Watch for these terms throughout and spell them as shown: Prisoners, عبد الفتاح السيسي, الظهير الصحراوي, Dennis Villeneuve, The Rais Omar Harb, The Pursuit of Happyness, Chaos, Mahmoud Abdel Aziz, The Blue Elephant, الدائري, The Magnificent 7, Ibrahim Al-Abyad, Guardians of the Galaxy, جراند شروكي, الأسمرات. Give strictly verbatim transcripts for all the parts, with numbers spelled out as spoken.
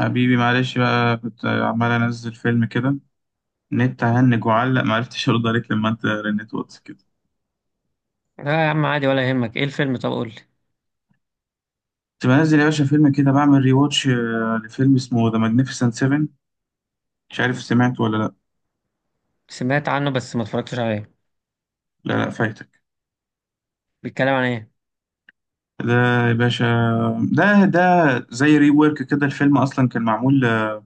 حبيبي، معلش بقى، كنت عمال انزل فيلم كده. نت هنج وعلق، معرفتش ارد عليك لما انت رنيت واتس كده. لا يا عم، عادي ولا يهمك. ايه الفيلم؟ طب قول لي. كنت بنزل يا باشا فيلم كده، بعمل ري واتش لفيلم اسمه ذا ماجنيفيسنت سبعة. مش عارف سمعت ولا لا. سمعت عنه بس ما اتفرجتش عليه. لا، لا، فايتك. بيتكلم عن ايه؟ ده يا باشا، ده ده زي ري وورك كده. الفيلم اصلا كان معمول آه،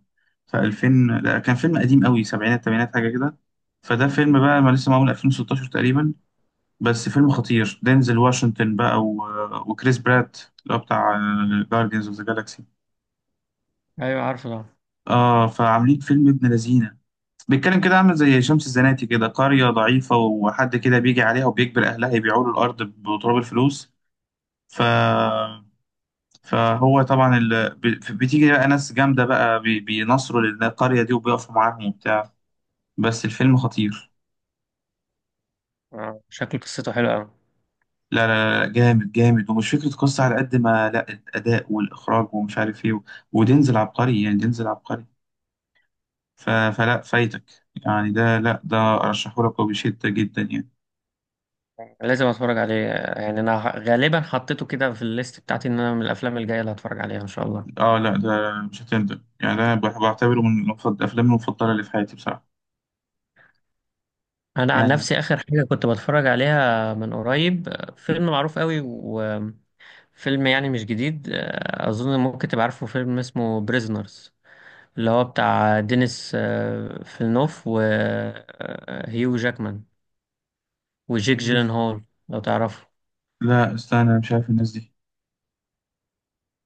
في ألفين. لا، كان فيلم قديم قوي، سبعينات تمانينات حاجه كده. فده فيلم بقى ما لسه معمول ألفين وستاشر تقريبا. بس فيلم خطير، دينزل واشنطن بقى و... وكريس برات اللي هو بتاع جارديانز اوف ذا جالاكسي. ايوه، عارفه طبعا. اه، فعاملين فيلم ابن لذينه. بيتكلم كده عامل زي شمس الزناتي كده، قرية ضعيفة وحد كده بيجي عليها وبيجبر أهلها يبيعوا له الأرض بتراب الفلوس. ف... فهو طبعا ال... بي- بتيجي بقى ناس جامدة بقى بي... بينصروا للقرية دي وبيقفوا معاهم وبتاع. بس الفيلم خطير. آه، شكله قصته حلوه قوي. لا لا لا، جامد جامد، ومش فكرة قصة على قد ما لا الأداء والإخراج ومش عارف إيه و- ودينزل عبقري، يعني دينزل عبقري. ف... فلا، فايتك. يعني ده، لا، ده أرشحه لك وبشدة جدا يعني. لازم اتفرج عليه. يعني انا ه- غالبا حطيته كده في الليست بتاعتي ان انا من الافلام الجايه اللي هتفرج عليها ان شاء الله. آه لا، ده مش هتندم، يعني ده بح- بعتبره من المفضل الأفلام المفضلة اللي في حياتي بصراحة. انا عن يعني نفسي، اخر حاجه كنت بتفرج عليها من قريب آه، فيلم معروف قوي وفيلم يعني مش جديد. آه، اظن ممكن تبقى عارفه فيلم اسمه بريزنرز، اللي هو بتاع دينيس آه، فيلنوف وهيو جاكمان وجيك جيلنهول، لو تعرفه. لا، استنى، أنا مش عارف الناس دي.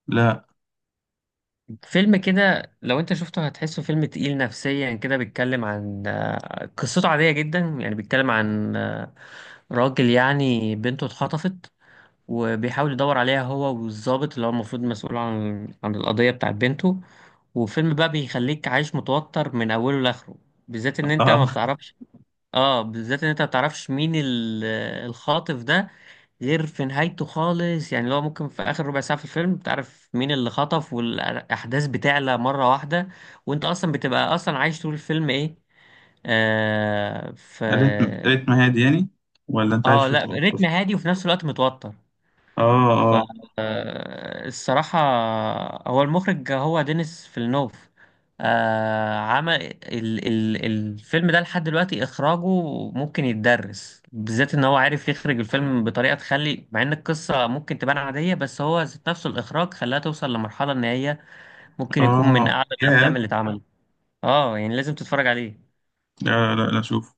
لا. فيلم كده، لو انت شفته هتحسه فيلم تقيل نفسيا كده. بيتكلم عن آه، قصته عادية جدا، يعني بيتكلم عن آه، راجل يعني بنته اتخطفت، وبيحاول يدور عليها هو والضابط اللي هو المفروض مسؤول عن عن القضية بتاعت بنته. وفيلم بقى بيخليك عايش متوتر من أوله لآخره، بالذات إن أنت ما آه. بتعرفش. اه، بالذات إن أنت ما بتعرفش مين ال- آه، الخاطف ده غير في نهايته خالص. يعني لو ممكن في اخر ربع ساعه في الفيلم تعرف مين اللي خطف، والاحداث بتعلى مره واحده، وانت اصلا بتبقى اصلا عايش طول الفيلم ايه. آه في. ريتم ريتم هادي يعني، ولا أنت عايش اه، في لا طوب؟ رتم هادي وفي نفس الوقت متوتر. آه، آه. فالصراحة، هو المخرج هو دينيس فيلنوف. آه عمل ال ال الفيلم ده لحد دلوقتي إخراجه ممكن يتدرس، بالذات إن هو عارف يخرج الفيلم بطريقة تخلي، مع إن القصة ممكن تبان عادية، بس هو ذات نفسه الإخراج خلاها توصل لمرحلة إن هي ممكن يكون من آه أعلى الأفلام يا. اللي اتعملت. اه يعني لازم تتفرج عليه. لا لا لا، شوف،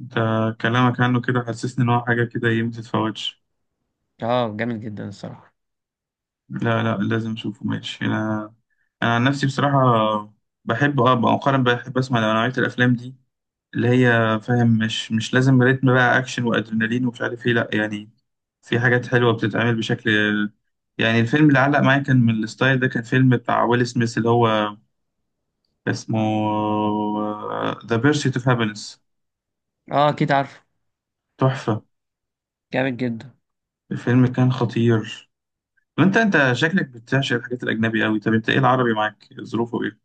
انت كلامك عنه كده حسسني ان هو حاجه كده ايه ما تتفوتش. اه، جامد جدا الصراحة. لا، لا، لازم اشوفه ماشي انا. انا عن نفسي بصراحه، بحب اه مؤخرا بحب اسمع نوعيه الافلام دي، اللي هي فاهم مش مش لازم ريتم بقى اكشن وادرينالين ومش عارف ايه، لا يعني. في حاجات حلوه بتتعمل بشكل، يعني الفيلم اللي علق معايا كان من الستايل ده، كان فيلم بتاع ويل سميث اللي هو اسمه ذا بيرسيت اوف هابينس. اه، أكيد عارفه. تحفه. جامد جدا. الفيلم كان خطير. وانت انت شكلك بتعشق الحاجات الاجنبي قوي. طب انت ايه، العربي معاك ظروفه ايه؟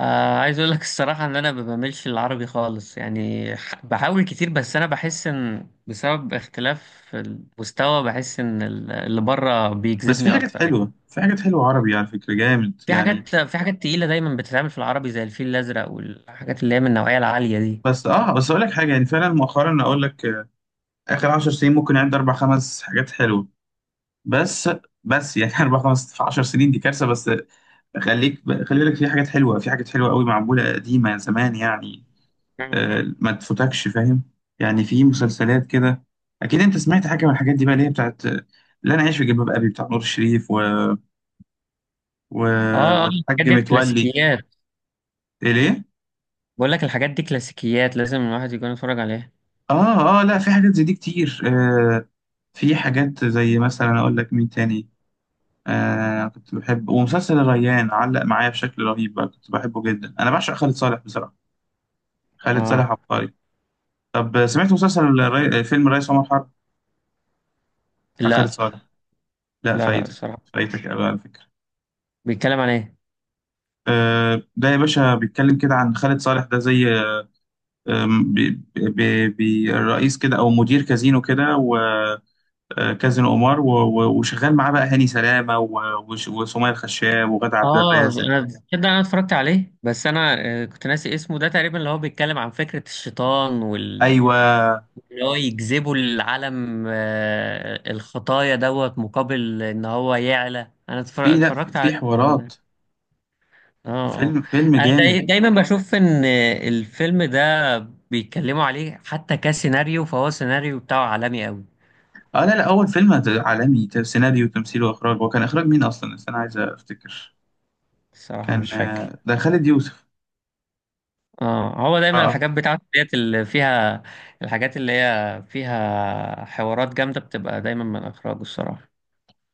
آه عايز اقول لك الصراحه ان انا ما بعملش العربي خالص. يعني ح- بحاول كتير، بس انا بحس ان بسبب اختلاف المستوى بحس ان ال- اللي بره بس في بيجذبني حاجات اكتر يعني. حلوه، في حاجات حلوه عربي على فكره جامد في يعني. حاجات في حاجات تقيله دايما بتتعمل في العربي، زي الفيل الازرق والحاجات اللي هي من النوعيه العاليه دي. بس اه بس اقول لك حاجه، يعني فعلا مؤخرا اقول لك آه، اخر عشر سنين ممكن عندي اربع خمس حاجات حلوه بس. بس يعني اربع خمس في عشر سنين دي كارثه. بس خليك خلي بالك، في حاجات حلوه، في حاجات حلوه قوي معموله قديمه يعني زمان يعني. مم. آه، ما تفوتكش فاهم. يعني في مسلسلات كده، اكيد انت سمعت حاجه من الحاجات دي بقى اللي هي بتاعت آه، لا انا عايش في جلباب ابي بتاع نور الشريف و و... اه، اه، والحاج الحاجات دي متولي. كلاسيكيات. إيه ليه؟ بقول لك الحاجات دي كلاسيكيات، لازم الواحد يكون يتفرج عليها. اه، اه، لا في حاجات زي دي كتير آه في حاجات زي مثلا، اقول لك مين تاني. آه كنت بحب، ومسلسل الريان علق معايا بشكل رهيب بقى، كنت بحبه جدا، انا بعشق خالد صالح بصراحة. خالد صالح اه، عبقري. طب سمعت مسلسل الري... فيلم الريس عمر حرب بتاع خالد لا، صالح؟ لا، لا، لا، فايتك. الصراحه. فايتك قوي على فكرة. بيتكلم عن ايه؟ آه ده يا باشا بيتكلم كده عن خالد صالح. ده زي آم، بي... بي... بي... رئيس كده او مدير كازينو كده. آه، كاظم قمار و- و- وشغال معاه بقى هاني سلامه و- وش- وسمية الخشاب وغادة عبد اه، الرازق. انا تصدق انا اتفرجت عليه، بس انا آه، كنت ناسي اسمه ده تقريبا. اللي هو بيتكلم عن فكرة الشيطان وال ايوه، اللي هو يجذبوا العالم آه، الخطايا دوت، مقابل ان هو يعلى. انا في. اتفر- لا، في اتفرجت في على الفيلم حوارات. ده. اه، اه، فيلم فيلم انا داي- جامد. دايما بشوف ان الفيلم ده بيتكلموا عليه حتى كسيناريو، فهو سيناريو بتاعه عالمي قوي. اه، لا لا، اول فيلم هت- عالمي ت- سيناريو وتمثيل واخراج. هو كان اخراج مين اصلا؟ بس انا عايز افتكر. الصراحة كان مش فاكر. آه، ده خالد يوسف. اه، هو اه. دايما آه. الحاجات بتاعته ديت اللي فيها الحاجات اللي هي فيها حوارات جامدة بتبقى دايما من اخراجه الصراحة.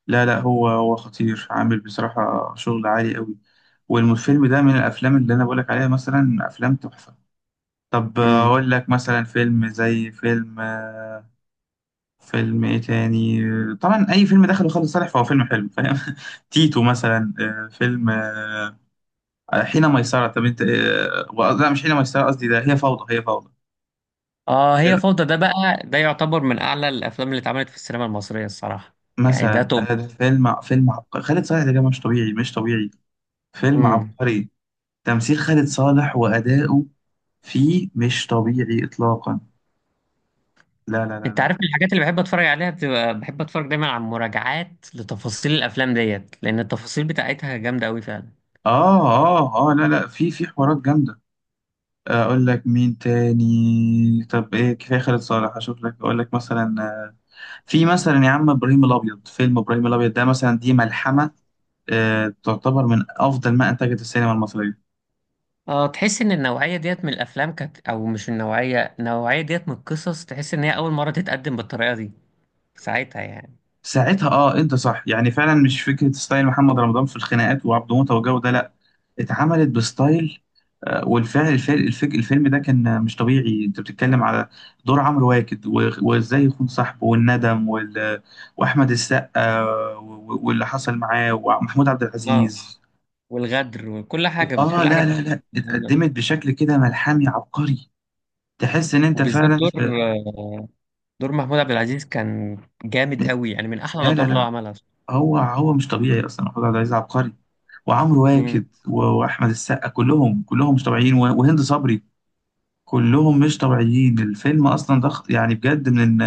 لا لا، هو هو خطير، عامل بصراحه شغل عالي قوي. والفيلم ده من الافلام اللي انا بقولك عليها، مثلا افلام تحفه. طب آه، امم. اقول لك مثلا فيلم زي فيلم آه، فيلم ايه تاني؟ طبعا اي فيلم دخله خالد صالح فهو فيلم حلو فاهم. تيتو مثلا، آه، فيلم آه، آه، حين ميسرة. طب انت آه، و- لا مش حين ميسرة قصدي، ده هي فوضى، هي فوضى. اه، إيه هي رأيك؟ فوضى ده بقى. ده يعتبر من اعلى الافلام اللي اتعملت في السينما المصرية الصراحة. يعني ده مثلا توب. ده, ده, فيلم فيلم عبقري، خالد صالح ده جاي مش طبيعي مش طبيعي. فيلم امم. عبقري. تمثيل خالد صالح وأداؤه فيه مش طبيعي إطلاقا. لا لا لا انت عارف، من لا. الحاجات اللي بحب اتفرج عليها بتبقى بحب اتفرج دايما على مراجعات لتفاصيل الافلام ديت، لان التفاصيل بتاعتها جامدة قوي فعلا. اه، اه، اه، لا لا، في في حوارات جامدة. اقول لك مين تاني؟ طب ايه، كفاية خالد صالح اشوف لك. اقول لك مثلا آه، في مثلا يا عم ابراهيم الابيض. فيلم ابراهيم الابيض ده مثلا دي ملحمه، آه، تعتبر من افضل ما انتجت السينما المصريه. اه، تحس ان النوعية ديت من الافلام كانت، او مش النوعية النوعية ديت من القصص، تحس ان هي اول مرة تتقدم بالطريقة دي ساعتها يعني. ساعتها اه انت صح يعني، فعلا مش فكره ستايل محمد رمضان في الخناقات وعبد موته والجو ده، لا، اتعملت بستايل. آه، والفعل الفعل الفك- الفيلم ده كان مش طبيعي. انت بتتكلم على دور عمرو واكد و- وازاي يخون صاحبه والندم وال... واحمد السقا و- واللي حصل معاه ومحمود عبد اه، العزيز. والغدر وكل حاجة اه، كل حاجة لا في لا لا، الفيلم ده. اتقدمت بشكل كده ملحمي عبقري. تحس ان انت وبالذات فعلا دور في. آه، دور محمود عبد العزيز كان جامد قوي، يعني من أحلى لا لا الأدوار اللي هو لا، عملها. هو هو مش طبيعي اصلا. محمود عبد العزيز عبقري. وعمرو امم. واكد و- واحمد السقا كلهم كلهم مش طبيعيين و- وهند صبري. كلهم مش طبيعيين. الفيلم اصلا ضخ يعني بجد من،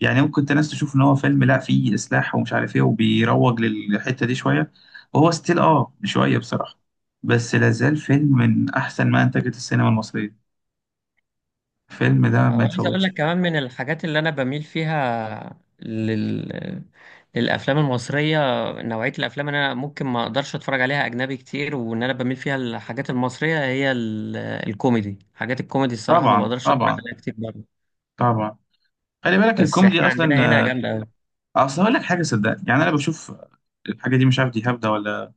يعني ممكن انت ناس تشوف ان هو فيلم لا فيه اسلاح ومش عارف ايه وبيروج للحته دي شويه، وهو ستيل اه شويه بصراحه. بس لازال فيلم من احسن ما انتجت السينما المصريه. الفيلم ده ما وعايز أقول لك يتفوتش. كمان، من الحاجات اللي أنا بميل فيها لل... للأفلام المصرية، نوعية الأفلام اللي أنا ممكن ما أقدرش أتفرج عليها أجنبي كتير وإن أنا بميل فيها الحاجات المصرية، هي ال... الكوميدي. حاجات الكوميدي الصراحة ما طبعا بقدرش أتفرج طبعا عليها كتير برضه. طبعا. خلي بالك بس الكوميدي إحنا عندنا هنا اصلا، جامدة أوي. اصل هقول لك حاجه صدقني. يعني انا بشوف الحاجه دي، مش عارف دي هبده ولا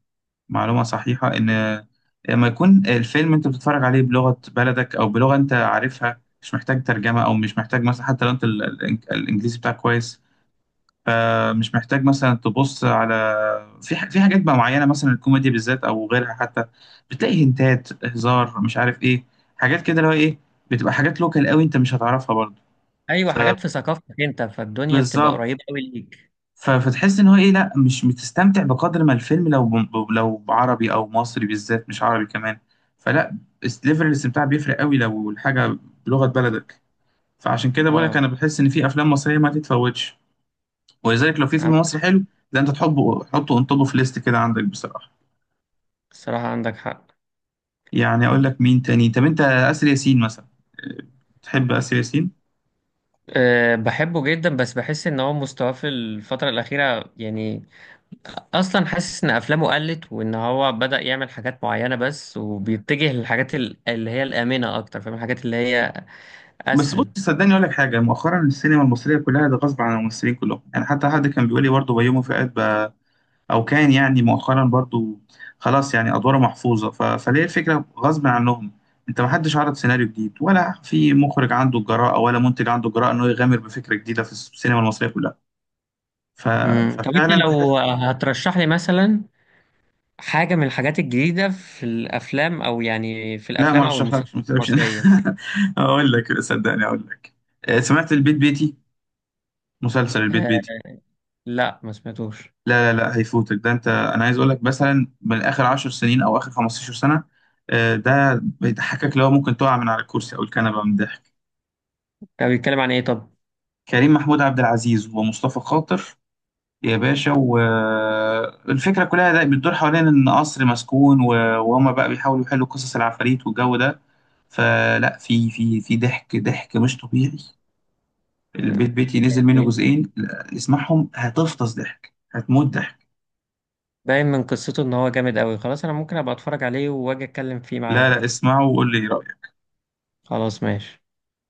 معلومه صحيحه، ان لما يكون الفيلم انت بتتفرج عليه بلغه بلدك او بلغه انت عارفها، مش محتاج ترجمه، او مش محتاج مثلا، حتى لو انت ال- ال- الانجليزي بتاعك كويس، فمش محتاج مثلا تبص على، في ح- في حاجات بقى معينه مثلا الكوميدي بالذات او غيرها حتى، بتلاقي هنتات هزار مش عارف ايه حاجات كده اللي هو ايه، بتبقى حاجات لوكال قوي انت مش هتعرفها برضه. أيوة، حاجات في ثقافتك أنت، فالدنيا بتبقى فبالظبط. قريبة أوي ليك. ف- فتحس ان هو ايه، لا مش بتستمتع بقدر ما الفيلم لو ب- لو عربي او مصري بالذات، مش عربي كمان. فلا، بس ليفل الاستمتاع بيفرق قوي لو الحاجه بلغه بلدك. فعشان كده بقولك اه، انا بحس ان في افلام مصريه ما تتفوتش. ولذلك لو في فيلم عندك. مصري حلو، ده انت تحبه، حطه اون توب اوف ليست كده عندك بصراحه. الصراحة عندك حق. يعني اقول لك مين تاني؟ طب انت اسر ياسين مثلا، أه، تحب اسر ياسين؟ أه، بحبه جدا، بس بحس ان هو مستواه في الفترة الأخيرة يعني أصلا حاسس ان أفلامه قلت، وان هو بدأ يعمل حاجات معينة بس، وبيتجه للحاجات ال- اللي هي الآمنة أكتر، فاهم، الحاجات اللي هي بس بص، أسهل. صدقني اقول لك حاجه، مؤخرا السينما المصريه كلها ده غصب عن الممثلين كلهم يعني، حتى حد كان بيقول لي برضه بيومي فؤاد بقى، او كان، يعني مؤخرا برضو خلاص، يعني ادواره محفوظه. ف... فليه؟ الفكره غصب عنهم، انت ما حدش عرض سيناريو جديد، ولا في مخرج عنده الجراءه، ولا منتج عنده الجراءه انه يغامر بفكره جديده في السينما المصريه كلها. ف... امم طب أنت ففعلا تحس. لو هترشح لي مثلا حاجة من الحاجات الجديدة في الأفلام، أو يعني في لا، ما الأفلام أو رشحلكش ما المسلسلات تكذبش. المصرية. اقول لك صدقني، اقول لك آه، سمعت البيت بيتي؟ مسلسل البيت أه، بيتي؟ لا، ما سمعتوش. لا لا لا، هيفوتك ده. انت، انا عايز اقول لك مثلا من اخر عشر سنين او اخر خمسة عشر سنه، آه، ده بيضحكك لو ممكن تقع من على الكرسي او الكنبه من الضحك. ده بيتكلم عن إيه طب؟ كريم محمود عبد العزيز ومصطفى خاطر يا باشا، والفكرة كلها ده بتدور حوالين إن قصر مسكون و- وهما بقى بيحاولوا يحلوا قصص العفاريت والجو ده. فلا، في في في ضحك ضحك مش طبيعي. البيت بيتي نزل منه يعني جزئين، لا، اسمعهم هتفطس ضحك، هتموت ضحك. باين من قصته ان هو جامد قوي، خلاص انا ممكن ابقى اتفرج عليه واجي اتكلم فيه لا، لا، معاك. اسمعه وقول لي إيه رأيك. خلاص، ماشي.